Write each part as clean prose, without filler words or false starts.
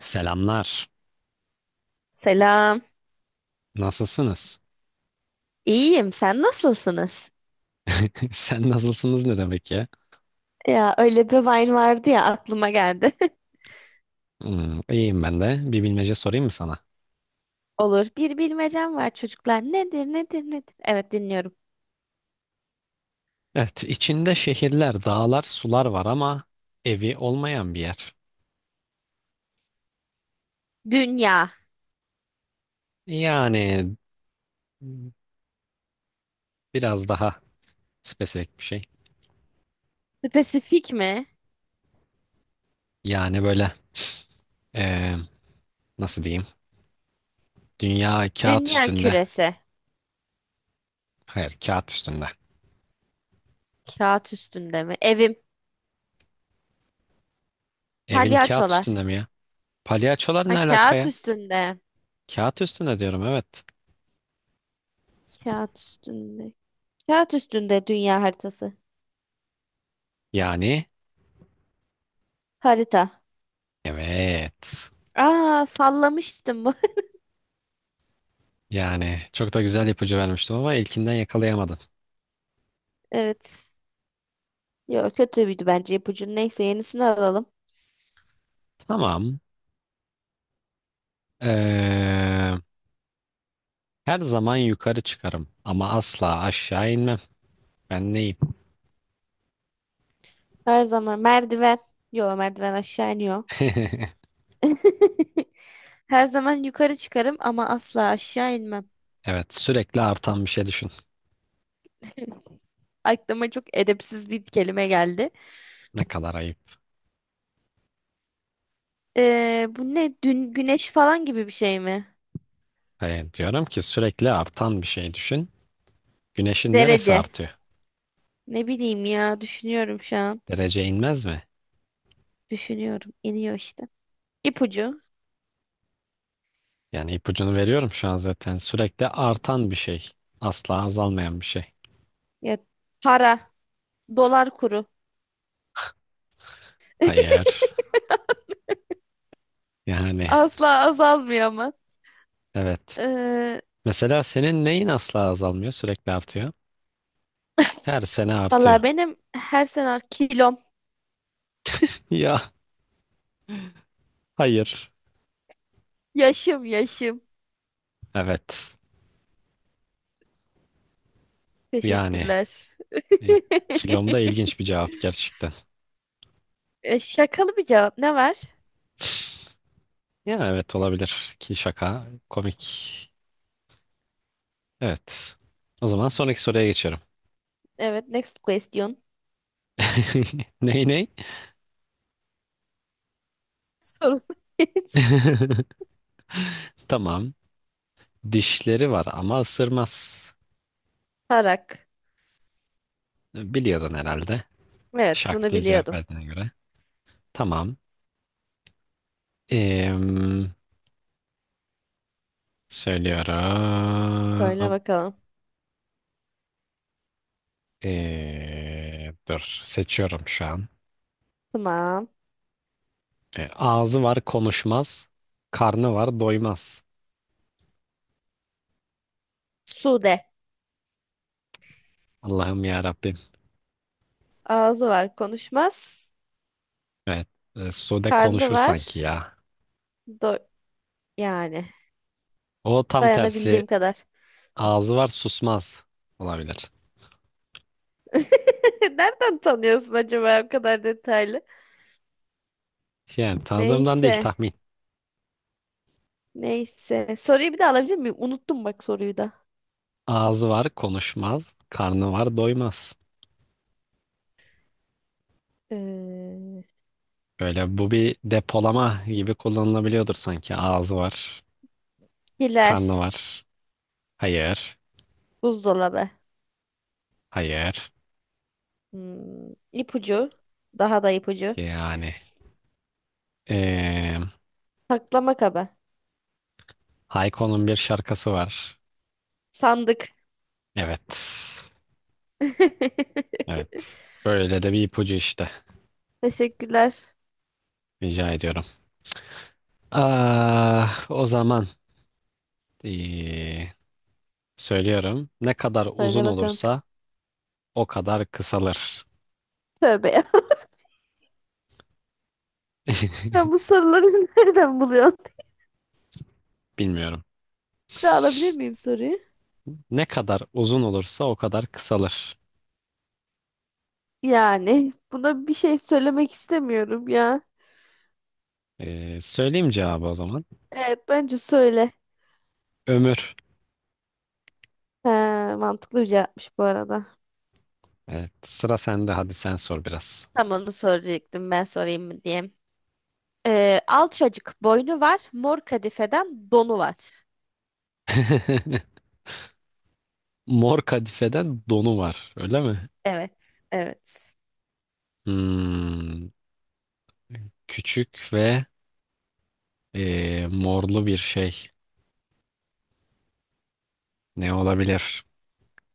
Selamlar. Selam. Nasılsınız? İyiyim. Sen nasılsınız? Sen nasılsınız ne demek ya? Ya öyle bir Vine vardı ya aklıma geldi. Hmm, iyiyim ben de. Bir bilmece sorayım mı sana? Olur. Bir bilmecem var çocuklar. Nedir, nedir, nedir? Evet, dinliyorum. Evet, içinde şehirler, dağlar, sular var ama evi olmayan bir yer. Dünya. Yani biraz daha spesifik bir şey. Spesifik mi? Yani böyle eee, nasıl diyeyim? Dünya kağıt Dünya üstünde. küresi. Hayır, kağıt üstünde. Kağıt üstünde mi? Evim. Evin kağıt Palyaçolar. üstünde mi ya? Palyaçolar Ha, ne alaka kağıt ya? üstünde. Kağıt üstünde diyorum, evet. Kağıt üstünde. Kağıt üstünde dünya haritası. Yani Harita. evet. Aa, sallamıştım bu. Yani çok da güzel ipucu vermiştim ama ilkinden yakalayamadın. Evet. Yok, kötüydü bence ipucu. Neyse, yenisini alalım. Tamam. Ee, Her zaman yukarı çıkarım ama asla aşağı inmem. Ben neyim? Her zaman merdiven. Yo, merdiven aşağı iniyor. Her zaman yukarı çıkarım ama asla aşağı inmem. Evet, sürekli artan bir şey düşün. Aklıma çok edepsiz bir kelime geldi. Ne kadar ayıp. Bu ne? Dün güneş falan gibi bir şey mi? Diyorum ki sürekli artan bir şey düşün. Güneşin neresi Derece. artıyor? Ne bileyim ya, düşünüyorum şu an. Derece inmez mi? Düşünüyorum. İniyor işte. İpucu. Yani ipucunu veriyorum şu an zaten. Sürekli artan bir şey. Asla azalmayan bir şey. Ya, para. Dolar kuru. Hayır. Yani Asla azalmıyor ama. evet. Ee, Mesela senin neyin asla azalmıyor, sürekli artıyor? Her sene artıyor. Valla benim her sene kilom. Ya hayır. Yaşım. Evet. Yani Teşekkürler. e, kilomda ilginç bir cevap gerçekten. E, şakalı bir cevap. Ne var? Ya evet, olabilir ki şaka komik. Evet. O zaman sonraki soruya geçiyorum. Evet, next question. Ney ney? Sorun hiç. Tamam. Dişleri var ama ısırmaz. Tarak. Biliyordun herhalde. Evet, Şak bunu diye cevap biliyordum. verdiğine göre. Tamam. Em, Söyle söylüyorum. bakalım. Dur seçiyorum şu an. Tamam. E, ağzı var konuşmaz, karnı var doymaz. Sude. Allah'ım ya Rabbim. Ağzı var, konuşmaz. Evet, e, Sude Karnı konuşur sanki var. ya. Do yani. O tam tersi Dayanabildiğim kadar. ağzı var susmaz olabilir. Nereden tanıyorsun acaba o kadar detaylı? Yani tanıdığımdan değil, Neyse. tahmin. Neyse. Soruyu bir de alabilir miyim? Unuttum bak soruyu da. Ağzı var konuşmaz, karnı var doymaz. Ee, Böyle bu bir depolama gibi kullanılabiliyordur sanki. Ağzı var, Hilal. karnı var. Hayır, Buzdolabı. hayır. Hmm, ipucu. Daha da ipucu. Yani. E, Saklama kabı. Hayko'nun bir şarkısı var. Sandık. Evet. Evet. Böyle de bir ipucu işte. Teşekkürler. Rica ediyorum. Ah, o zaman ee, söylüyorum. Ne kadar uzun Söyle bakalım. olursa o kadar kısalır. Tövbe ya. Ben bu soruları nereden buluyorum? Bilmiyorum. Bir daha alabilir miyim soruyu? Ne kadar uzun olursa o kadar kısalır. Yani buna bir şey söylemek istemiyorum ya. Söyleyeyim cevabı o zaman. Evet, bence söyle. Ömür. He, mantıklı bir cevapmış bu arada. Evet, sıra sende. Hadi sen sor biraz. Tam onu soracaktım, ben sorayım mı diye. Alçacık boynu var, mor kadifeden donu var. Mor kadifeden donu var, öyle mi? Evet, evet. Hmm, küçük ve e, morlu bir şey. Ne olabilir?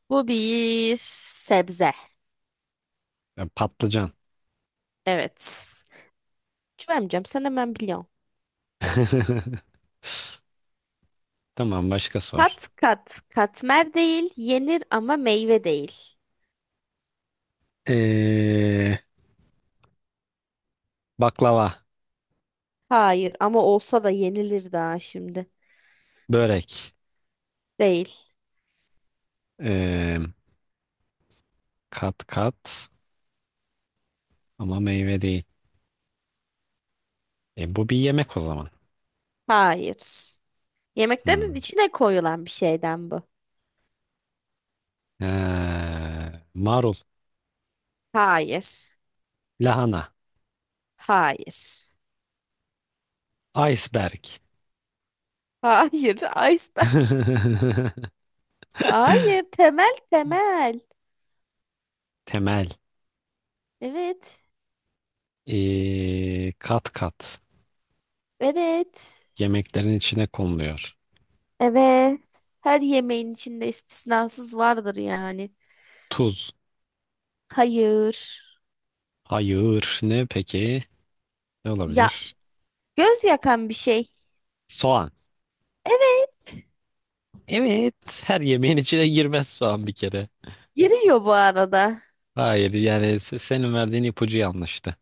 Bu bir sebze. Ya, patlıcan. Evet. Cüvemcem sen hemen biliyorsun. Tamam, başka sor. Kat kat katmer değil, yenir ama meyve değil. Ee, baklava, Hayır, ama olsa da yenilir daha şimdi. börek, Değil. ee, kat kat ama meyve değil. E, bu bir yemek o zaman. Hayır. Hmm. Yemeklerin içine koyulan bir şeyden bu. Marul, Hayır. lahana, Hayır. iceberg. Hayır. Iceberg. Hayır. Temel temel. Temel. Evet. Kat kat Evet. yemeklerin içine konuluyor. Evet. Her yemeğin içinde istisnasız vardır yani. Tuz. Hayır. Hayır. Ne peki? Ne Ya, olabilir? göz yakan bir şey. Soğan. Evet. Evet, her yemeğin içine girmez soğan bir kere. Giriyor bu arada. Hayır, yani senin verdiğin ipucu yanlıştı.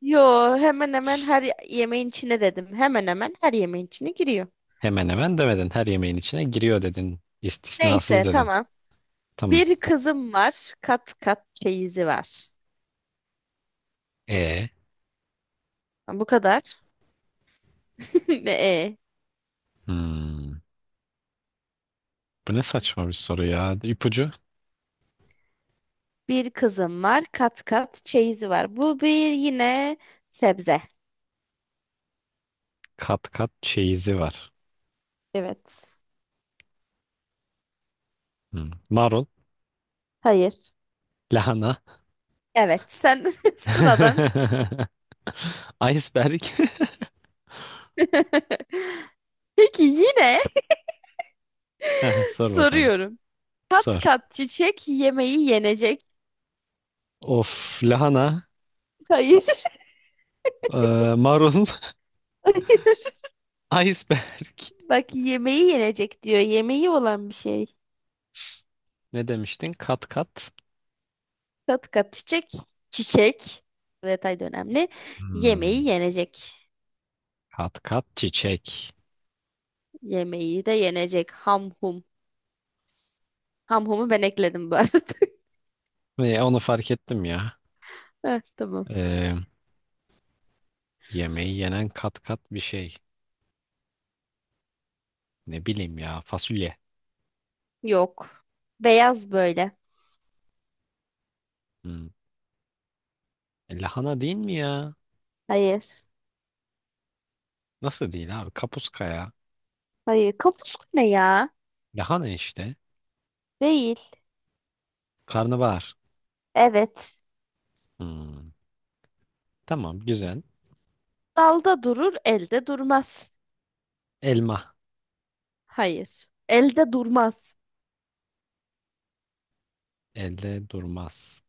Yo, hemen hemen her yemeğin içine dedim. Hemen hemen her yemeğin içine giriyor. Hemen hemen demedin. Her yemeğin içine giriyor dedin. İstisnasız Neyse dedin. tamam. Tamam. Bir kızım var. Kat kat çeyizi var. E, Bu kadar. Ne? E? hmm. Bu ne saçma bir soru ya. İpucu Bir kızım var. Kat kat çeyizi var. Bu bir yine sebze. kat kat çeyizi var. Evet. Hmm. Marul, Hayır. lahana, Evet sen sıradan. iceberg. Peki yine Heh, sor bakalım. soruyorum. Kat Sor. kat çiçek yemeği yenecek. Of, lahana, Hayır. e, marul, iceberg. Bak, yemeği yenecek diyor. Yemeği olan bir şey. Ne demiştin? Kat kat. Kat kat çiçek. Çiçek. Bu detay da önemli. Hmm. Yemeği yenecek. Kat kat çiçek. Yemeği de yenecek. Ham hum. Ham humu ben ekledim bu arada. Ve onu fark ettim ya. Heh, tamam. Ee, yemeği yenen kat kat bir şey. Ne bileyim ya, fasulye. Yok. Beyaz böyle. Hmm. E, lahana değil mi ya? Hayır. Nasıl değil abi? Kapuska ya. Hayır. Kapuska ne ya? Lahana işte. Değil. Karnabahar. Evet. Hmm. Tamam, güzel. Dalda durur, elde durmaz. Elma. Hayır. Elde durmaz. Elde durmaz.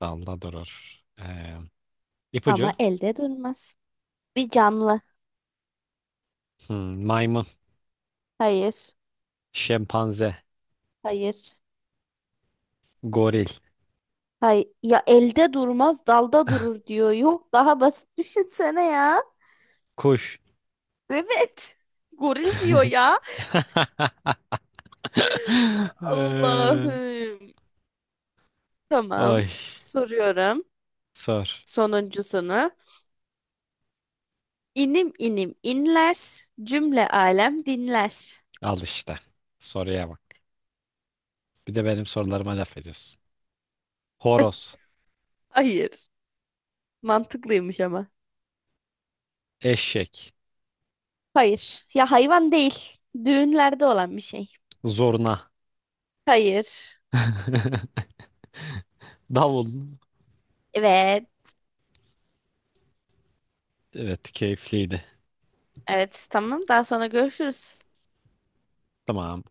Dalda durur. İpucu. Ama elde durmaz. Bir canlı. Hmm, maymun. Hayır. Şempanze. Hayır. Goril. Hay ya, elde durmaz dalda durur diyor. Yok, daha basit düşünsene ya. Kuş. Evet. Goril diyor ya. Ee, Allah'ım. Tamam. oy. Soruyorum Sor. sonuncusunu. İnim inim inler, cümle alem dinler. Al işte. Soruya bak. Bir de benim sorularıma laf ediyorsun. Horoz, Hayır. Mantıklıymış ama. eşek, Hayır. Ya, hayvan değil. Düğünlerde olan bir şey. zurna, Hayır. davul. Evet. Evet, keyifliydi. Evet. Tamam. Daha sonra görüşürüz. Tamam.